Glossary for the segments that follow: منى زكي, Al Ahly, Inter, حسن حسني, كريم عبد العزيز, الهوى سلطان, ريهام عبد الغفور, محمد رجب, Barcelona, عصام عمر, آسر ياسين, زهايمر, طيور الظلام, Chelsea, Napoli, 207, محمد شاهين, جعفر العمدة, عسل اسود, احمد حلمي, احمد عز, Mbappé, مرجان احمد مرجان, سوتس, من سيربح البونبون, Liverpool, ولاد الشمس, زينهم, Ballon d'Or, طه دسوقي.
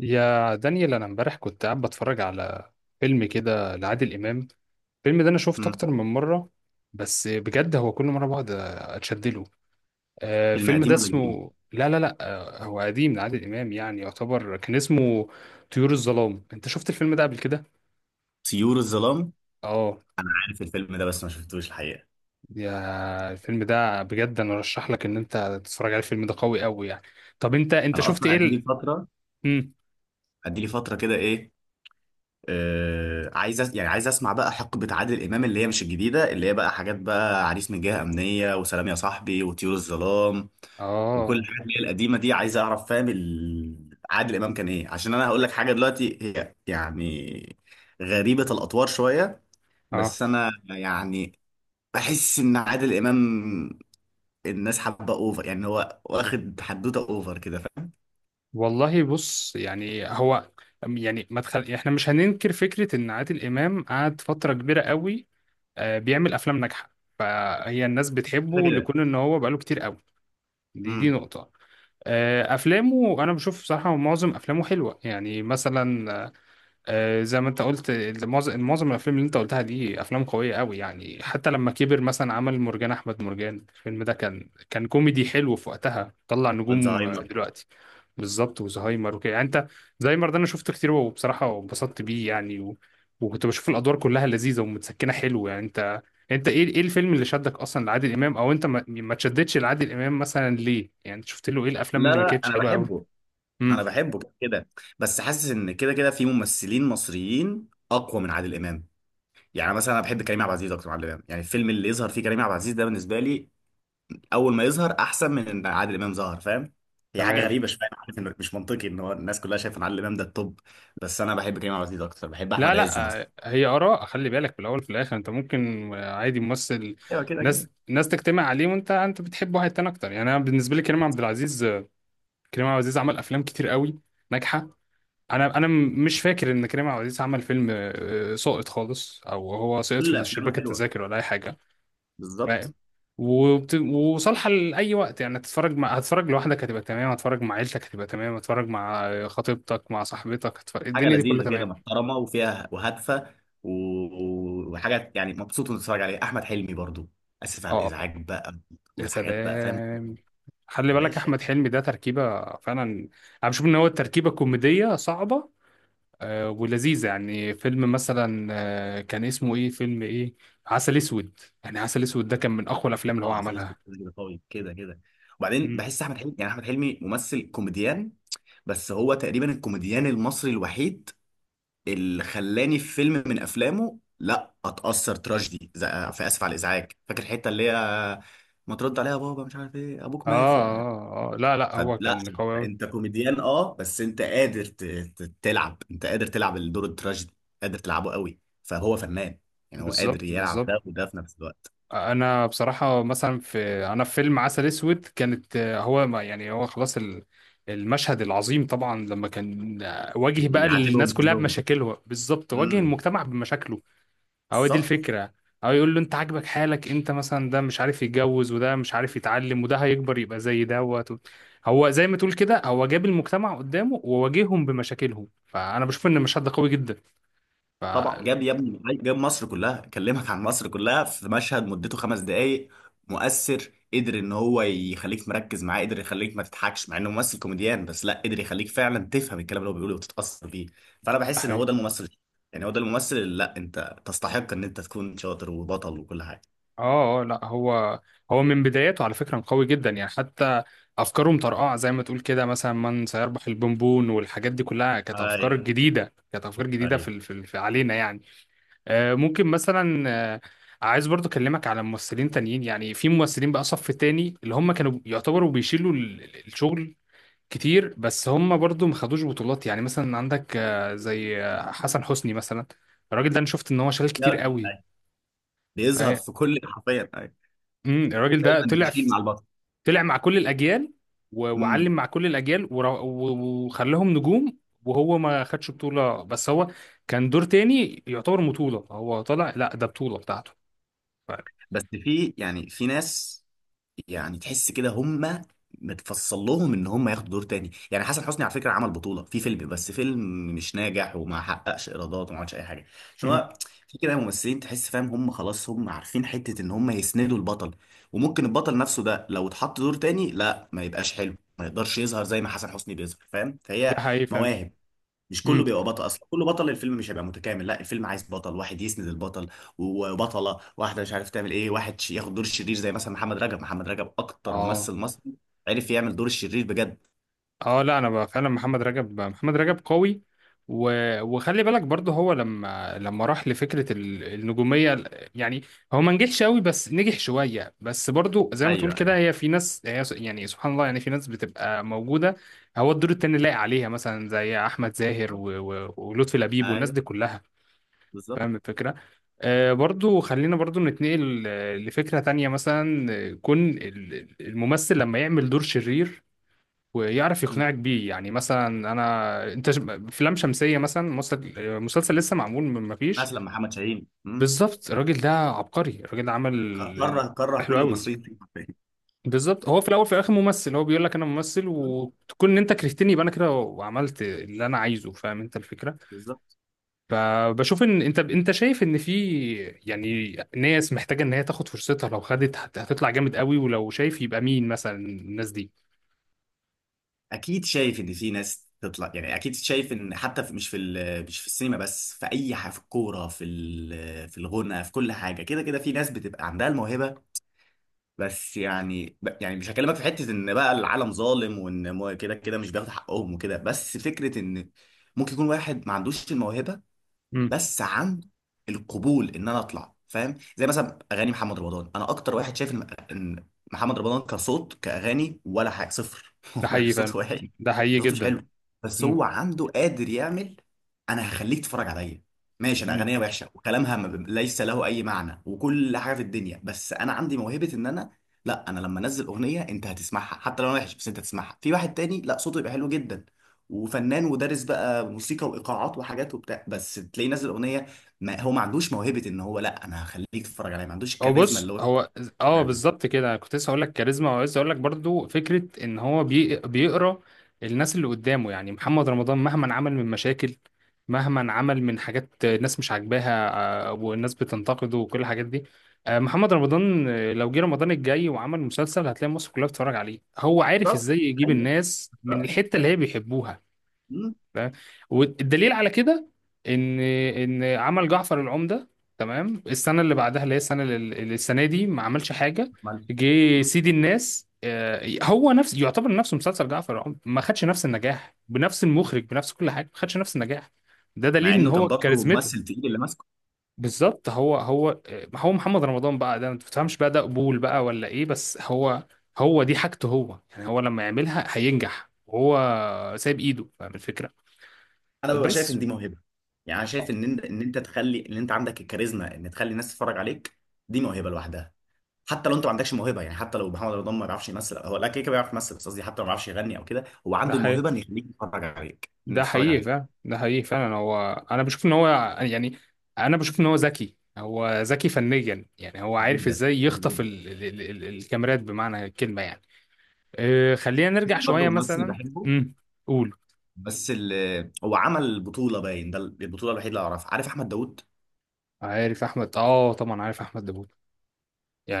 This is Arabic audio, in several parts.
يا دانيال، انا امبارح كنت قاعد بتفرج على فيلم كده لعادل امام. الفيلم ده انا شفته مم. اكتر من مره. بس بجد هو كل مره بقعد اتشد له. فيلم الفيلم قديم ده ولا جديد؟ اسمه لا لا لا آه، هو قديم لعادل امام، يعني يعتبر كان اسمه طيور الظلام. انت شفت الفيلم ده قبل كده؟ طيور الظلام. اه. عارف الفيلم ده بس ما شفتوش الحقيقه. يا الفيلم ده بجد انا ارشح لك ان انت تتفرج على الفيلم ده قوي قوي يعني. طب انت انا شفت اصلا ايه قد لي فتره، مم. قد لي فتره كده. ايه آه، عايز أس... يعني عايز اسمع بقى حقبه عادل امام اللي هي مش الجديده، اللي هي بقى حاجات بقى: عريس من جهه امنيه، وسلام يا صاحبي، وطيور الظلام وكل اه الحاجات اللي هي القديمه دي. عايز اعرف فاهم عادل امام كان ايه، عشان انا هقول لك حاجه دلوقتي، هي يعني غريبه الاطوار شويه. اه. بس انا يعني بحس ان عادل امام الناس حابه اوفر، يعني هو واخد حدوته اوفر كده، فاهم؟ والله بص، يعني هو، يعني ما تخل... يعني احنا مش هننكر فكرة ان عادل امام قعد فترة كبيرة قوي، بيعمل افلام ناجحة، فهي الناس كده بتحبه كده. لكون ان هو بقاله كتير قوي. دي امم. نقطة. افلامه انا بشوف بصراحة معظم افلامه حلوة، يعني مثلا زي ما انت قلت معظم الافلام اللي انت قلتها دي افلام قويه قوي يعني. حتى لما كبر مثلا عمل مرجان احمد مرجان، الفيلم ده كان كوميدي حلو في وقتها، طلع نجوم الزهايمر. دلوقتي. بالظبط، وزهايمر وكده يعني. انت زهايمر ده انا شفته كتير وبصراحه انبسطت بيه يعني وكنت بشوف الادوار كلها لذيذه ومتسكنه حلو يعني. انت ايه الفيلم اللي شدك اصلا لعادل امام، او انت ما تشدتش لعادل امام مثلا ليه يعني؟ انت شفت له ايه الافلام لا اللي ما لا، كانتش انا حلوه قوي؟ بحبه، امم. انا بحبه كده كده. بس حاسس ان كده كده في ممثلين مصريين اقوى من عادل امام. يعني مثلا انا بحب كريم عبد العزيز اكتر من عادل امام، يعني الفيلم اللي يظهر فيه كريم عبد العزيز ده بالنسبه لي اول ما يظهر احسن من ان عادل امام ظهر، فاهم؟ هي حاجه تمام. غريبه شويه، أنا عارف انه مش منطقي ان هو الناس كلها شايفه ان عادل امام ده التوب. بس انا بحب كريم عبد العزيز اكتر، بحب لا احمد عز مثلا. لا هي آراء، خلي بالك في الأول وفي الآخر. أنت ممكن عادي ممثل، ايوه كده كده. ناس تجتمع عليه، وأنت بتحب واحد تاني أكتر. يعني أنا بالنسبة لي كريم عبد العزيز، كريم عبد العزيز عمل أفلام كتير قوي ناجحة. مش فاكر إن كريم عبد العزيز عمل فيلم ساقط خالص، أو هو سقط كل في افلامه شباك حلوه، التذاكر ولا أي حاجة. بالظبط. فاهم. وصالحة لأي وقت، يعني هتتفرج لوحدك هتبقى تمام، هتتفرج مع عيلتك هتبقى تمام، هتتفرج مع خطيبتك، مع صاحبتك، حاجه الدنيا دي كلها لذيذه كده، تمام. محترمه وفيها وهادفه، و- وحاجه يعني مبسوط وانت بتتفرج عليها. احمد حلمي برضو. اسف على اه، الازعاج بقى، يا الحاجات بقى، فاهم. سلام. خلي يا بالك باشا. احمد حلمي ده تركيبه فعلا. انا بشوف ان هو التركيبه كوميديه صعبه ولذيذه يعني. فيلم مثلا، كان اسمه ايه، فيلم ايه، عسل اسود. يعني عسل اسود ده كان من اقوى الافلام اللي هو اه، عسل اسود عملها. كده قوي، كده كده. وبعدين مم. بحس احمد حلمي، يعني احمد حلمي ممثل كوميديان، بس هو تقريبا الكوميديان المصري الوحيد اللي خلاني في فيلم من افلامه لا اتاثر تراجيدي في اسف على الازعاج، فاكر الحته اللي هي ما ترد عليها يا بابا، مش عارف ايه، ابوك اه مات. اه. اه، لا لا، هو فلا، كان قوي انت أوي. انت كوميديان اه، بس انت قادر تلعب، انت قادر تلعب الدور التراجيدي، قادر تلعبه قوي، فهو فنان، يعني هو قادر بالظبط يلعب بالظبط. ده وده في نفس الوقت. انا بصراحه مثلا، انا في فيلم عسل اسود كانت آه، هو ما- يعني هو خلاص ال- المشهد العظيم طبعا لما كان واجه بقى بيعاتبهم الناس كلها كلهم. بمشاكلها، بالظبط واجه امم. المجتمع بمشاكله. هو دي بالظبط. الفكرة، او يقول له انت عاجبك حالك، انت مثلا ده مش عارف يتجوز، وده مش عارف يتعلم، وده هيكبر يبقى زي دوت. هو زي ما تقول كده هو جاب المجتمع قدامه وواجههم بمشاكلهم، فانا بشوف ان المشهد ده قوي جدا. طبعا ده جاب يا ابني، جاب مصر كلها، كلمك عن مصر كلها في مشهد مدته خمس دقايق. مؤثر، قدر ان هو يخليك مركز معاه، قدر يخليك ما تضحكش مع انه ممثل كوميديان، بس لا قدر يخليك فعلا تفهم الكلام اللي هو بيقوله وتتأثر بيه. فانا بحس ان حقيقي. هو ده الممثل، يعني هو ده الممثل اللي لا انت تستحق ان انت تكون شاطر وبطل وكل حاجه. اه اه، لا، هو من بداياته على فكرة قوي جدا، يعني حتى افكاره مطرقعة زي ما تقول كده، مثلا من سيربح البونبون والحاجات دي كلها كانت افكار ايوه جديدة، كانت افكار جديدة ايوه. في علينا يعني. ممكن مثلا، آه، عايز برضو اكلمك على ممثلين تانيين. يعني في ممثلين بقى صف تاني اللي هم كانوا يعتبروا بيشيلوا الشغل كتير، بس هم برضو ما خدوش بطولات. يعني مثلا عندك زي حسن حسني مثلا، الراجل ده انا شفت ان هو شغال لا كتير أيوة. قوي. بيظهر فهي- في كل، حرفيا، ايوه. الراجل ده دايما بيشيل مع البطل. طلع مع كل الاجيال امم. وعلم مع كل الاجيال، وخلاهم نجوم. وهو ما خدش بطولة، بس هو كان دور تاني يعتبر بطولة، هو طلع لا ده بطولة بتاعته. بس في يعني في ناس يعني تحس كده هم متفصل لهم ان هم ياخدوا دور تاني، يعني حسن حسني على فكره عمل بطوله في فيلم، بس فيلم مش ناجح وما حققش ايرادات وما عملش اي حاجه، ف... عشان هو في كده ممثلين تحس، فاهم، هم خلاص هم عارفين حته ان هم يسندوا البطل، وممكن البطل نفسه ده لو اتحط دور تاني لا ما يبقاش حلو، ما يقدرش يظهر زي ما حسن حسني بيظهر، فاهم؟ ده فهي حقيقي فعلا. مواهب، مش كله امم. بيبقى بطل، اصلا كله بطل الفيلم مش هيبقى متكامل، لا الفيلم عايز بطل واحد يسند البطل وبطله واحده مش عارف تعمل ايه، واحد ياخد دور الشرير، زي مثلا محمد رجب. محمد رجب اكتر اه ممثل مصري عرف يعمل دور الشرير بجد. اه، لا انا بقى فعلا محمد رجب، محمد رجب قوي. و... وخلي بالك برضه هو لما راح لفكره النجوميه. يعني هو ما نجحش قوي بس نجح شويه، بس برضه زي ما تقول ايوه. كده ايوه هي في ناس هي يعني سبحان الله، يعني في ناس بتبقى موجوده هو الدور التاني لايق عليها، مثلا زي احمد زاهر ولطفي لبيب والناس ايوه. دي كلها. بالظبط. فاهم الفكرة. آه برضو خلينا برضو نتنقل لفكرة تانية مثلا، كون الممثل لما يعمل دور شرير ويعرف مم. يقنعك بيه. يعني مثلا انا افلام شمسية مثلا، مسلسل لسه معمول من ما فيش. مثلا محمد شاهين. مم. بالظبط. الراجل ده عبقري، الراجل ده عمل كره ال- كره حلو كل قوي. المصريين فيه حرفياً. بالظبط، هو في الاول في الاخر ممثل، هو بيقول لك انا ممثل، مم. وتكون ان انت كرهتني يبقى انا كده وعملت اللي انا عايزه. فاهم انت الفكرة. بالظبط. فبشوف ان انت شايف ان في، يعني، ناس محتاجه ان هي تاخد فرصتها، لو خدت هتطلع جامد قوي. ولو شايف يبقى مين مثلا الناس دي؟ اكيد شايف ان في ناس تطلع، يعني اكيد شايف ان حتى في، مش مش في السينما بس، في اي حاجه، في الكوره، في الغنى، في كل حاجه، كده كده في ناس بتبقى عندها الموهبه. بس يعني يعني مش هكلمك في حته ان بقى العالم ظالم وان كده كده مش بياخد حقهم وكده، بس فكره ان ممكن يكون واحد ما عندوش الموهبه امم. بس عن القبول ان انا اطلع، فاهم؟ زي مثلا اغاني محمد رمضان، انا اكتر واحد شايف ان، إن محمد رمضان كصوت، كاغاني ولا حاجه، صفر ده هو حقيقي فعلا، صوته وحش، ده حقيقي صوته مش جدا. حلو، بس امم. هو عنده قادر يعمل: انا هخليك تتفرج عليا. ماشي، انا اغنيه وحشه وكلامها ما ب- ليس له اي معنى وكل حاجه في الدنيا، بس انا عندي موهبه ان انا، لا انا لما انزل اغنيه انت هتسمعها حتى لو انا وحش، بس انت هتسمعها. في واحد تاني لا صوته يبقى حلو جدا وفنان ودارس بقى موسيقى وايقاعات وحاجات وبتاع، بس تلاقيه نازل اغنيه، ما هو ما عندوش موهبه ان هو لا انا هخليك تتفرج عليا، ما عندوش الكاريزما بص، اللي هو يتفرج اه، عليها. بالظبط كده، أنا كنت لسه هقول لك كاريزما، وعايز اقول لك برضو فكره ان هو بيقرا الناس اللي قدامه. يعني محمد رمضان مهما عمل من مشاكل، مهما عمل من حاجات الناس مش عاجباها، والناس بتنتقده وكل الحاجات دي، محمد رمضان لو جه رمضان الجاي وعمل مسلسل، هتلاقي مصر كلها بتتفرج عليه. هو عارف بالظبط. ازاي يجيب ايوه. الناس من بالظبط. الحته اللي هي بيحبوها. مم. تمام. والدليل على كده ان عمل جعفر العمدة. تمام، السنه اللي بعدها اللي هي السنه اللي السنه دي ما عملش حاجه، مال. جه مم. سيدي الناس، هو نفس يعتبر نفسه مسلسل جعفر العمدة ما خدش نفس النجاح بنفس المخرج بنفس كل حاجه، ما خدش نفس النجاح. ده مع دليل ان انه كان هو برضه ممثل كاريزمته. تقيل اللي ماسكه. بالظبط، هو هو محمد رمضان بقى، ده ما تفهمش بقى ده قبول بقى ولا ايه، بس هو، هو دي حاجته. هو يعني هو لما يعملها هينجح، وهو سايب ايده. فاهم الفكره. انا ببقى شايف ان بس دي موهبه، يعني انا شايف ان انت تخلي ان انت عندك الكاريزما ان تخلي الناس تتفرج عليك، دي موهبه لوحدها. حتى لو انت ما عندكش موهبه، يعني حتى لو محمد رمضان ما بيعرفش يمثل، هو لا كده كده بيعرف يمثل، بس قصدي حتى لو ما بيعرفش يغني او كده، هو ده عنده حقيقي، الموهبه ان يخليك تتفرج عليك، ان ده تتفرج حقيقي فعلا، عليه. ده حقيقي فعلا. هو انا بشوف ان هو، يعني، انا بشوف ان هو ذكي، هو ذكي فنيا. يعني هو عارف جدا ازاي يخطف جدا. ال ال ال ال الكاميرات بمعنى الكلمه يعني. خلينا نرجع شويه برضه ممثل مثلا. بحبه، امم. قول. بس هو عمل بطولة، باين ده البطولة الوحيدة اللي أعرفها، عارف أحمد داوود؟ عارف احمد، اه طبعا عارف احمد داوود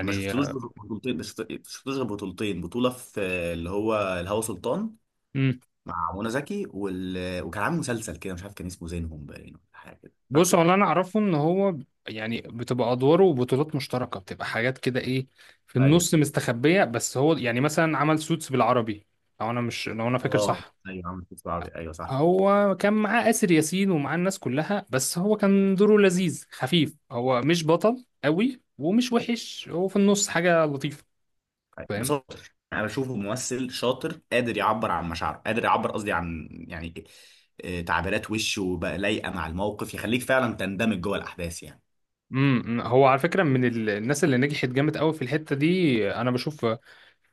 ما شفتلوش بطولتين، ما شفت- شفتلوش غير بطولتين، بطولة في اللي هو الهوى سلطان امم. مع منى زكي وكان عامل مسلسل كده مش عارف، كان اسمه زينهم باين، ولا حاجة كده، بص، فاكره؟ هو اللي انا اعرفه ان هو، يعني، بتبقى ادواره وبطولات مشتركه، بتبقى حاجات كده ايه، في ايوه. النص مستخبيه. بس هو يعني مثلا عمل سوتس بالعربي، لو انا مش لو انا فاكر اه صح. ايوه، عامل مسلسل عربي، ايوه صح. هو كان معاه آسر ياسين ومعاه الناس كلها، بس هو كان دوره لذيذ خفيف، هو مش بطل قوي ومش وحش، هو في النص حاجة لطيفة. فاهم. بصراحة انا بشوفه ممثل شاطر، قادر يعبر عن مشاعره، قادر يعبر، قصدي عن، يعني آه، تعبيرات وشه بقى لايقه مع الموقف، يخليك فعلا تندمج جوه الاحداث يعني. امم. هو على فكرة من الناس اللي نجحت جامد قوي في الحتة دي، انا بشوف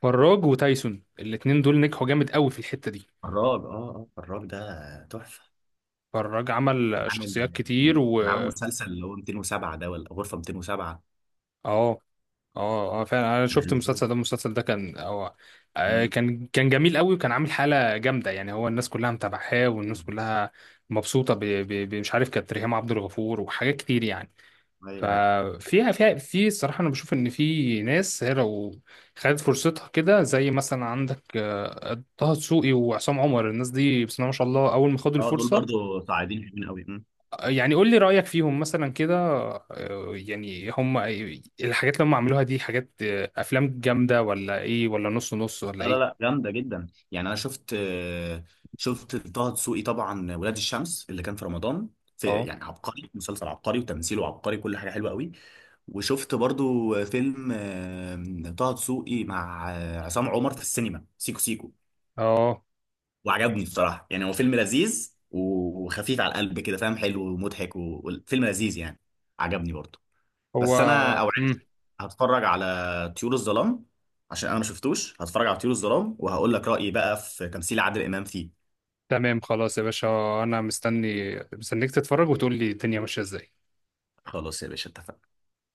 فراج وتايسون، الاتنين دول نجحوا جامد قوي في الحتة دي. فراج اه. اه فراج ده تحفه. فراج عمل عامل، شخصيات كتير و... كان عامل مسلسل اللي هو 207، ده ولا غرفه 207. اه اه اه فعلا، انا كان شفت حلو قوي. المسلسل ده، المسلسل ده كان هو أمم. كان جميل قوي، وكان عامل حاله جامده يعني، هو الناس كلها متابعاه، والناس كلها مبسوطه مش عارف، كانت ريهام عبد الغفور وحاجات كتير يعني. ايوه أيوة. ففيها، فيها في الصراحه انا بشوف ان في ناس هي لو خدت فرصتها، كده زي مثلا عندك طه دسوقي وعصام عمر، الناس دي بسم الله ما شاء الله اول ما خدوا اه، دول الفرصه. برضو صاعدين حلوين قوي. يعني قول لي رأيك فيهم مثلا كده. يعني هم الحاجات اللي هم عملوها دي حاجات أفلام جامدة ولا إيه ولا نص نص لا ولا لا إيه؟ لا، جامده جدا. يعني انا شفت، شفت طه دسوقي طبعا ولاد الشمس اللي كان في رمضان، في أه يعني عبقري، مسلسل عبقري وتمثيله عبقري، كل حاجه حلوه قوي. وشفت برضو فيلم آه، طه دسوقي مع آه، عصام عمر في السينما، سيكو سيكو، أه. وعجبني بصراحه، يعني هو فيلم لذيذ وخفيف على القلب كده، فاهم، حلو ومضحك وفيلم لذيذ يعني، عجبني برضو. هو. بس انا مم. اوعدك، هتفرج على طيور الظلام، عشان انا ما شفتوش، هتفرج على طيور الظلام وهقول لك رايي بقى في تمثيل عادل امام فيه. تمام خلاص يا باشا. أنا مستني مستنيك تتفرج وتقول لي الدنيا ماشية إزاي. خلاص يا باشا، اتفقنا.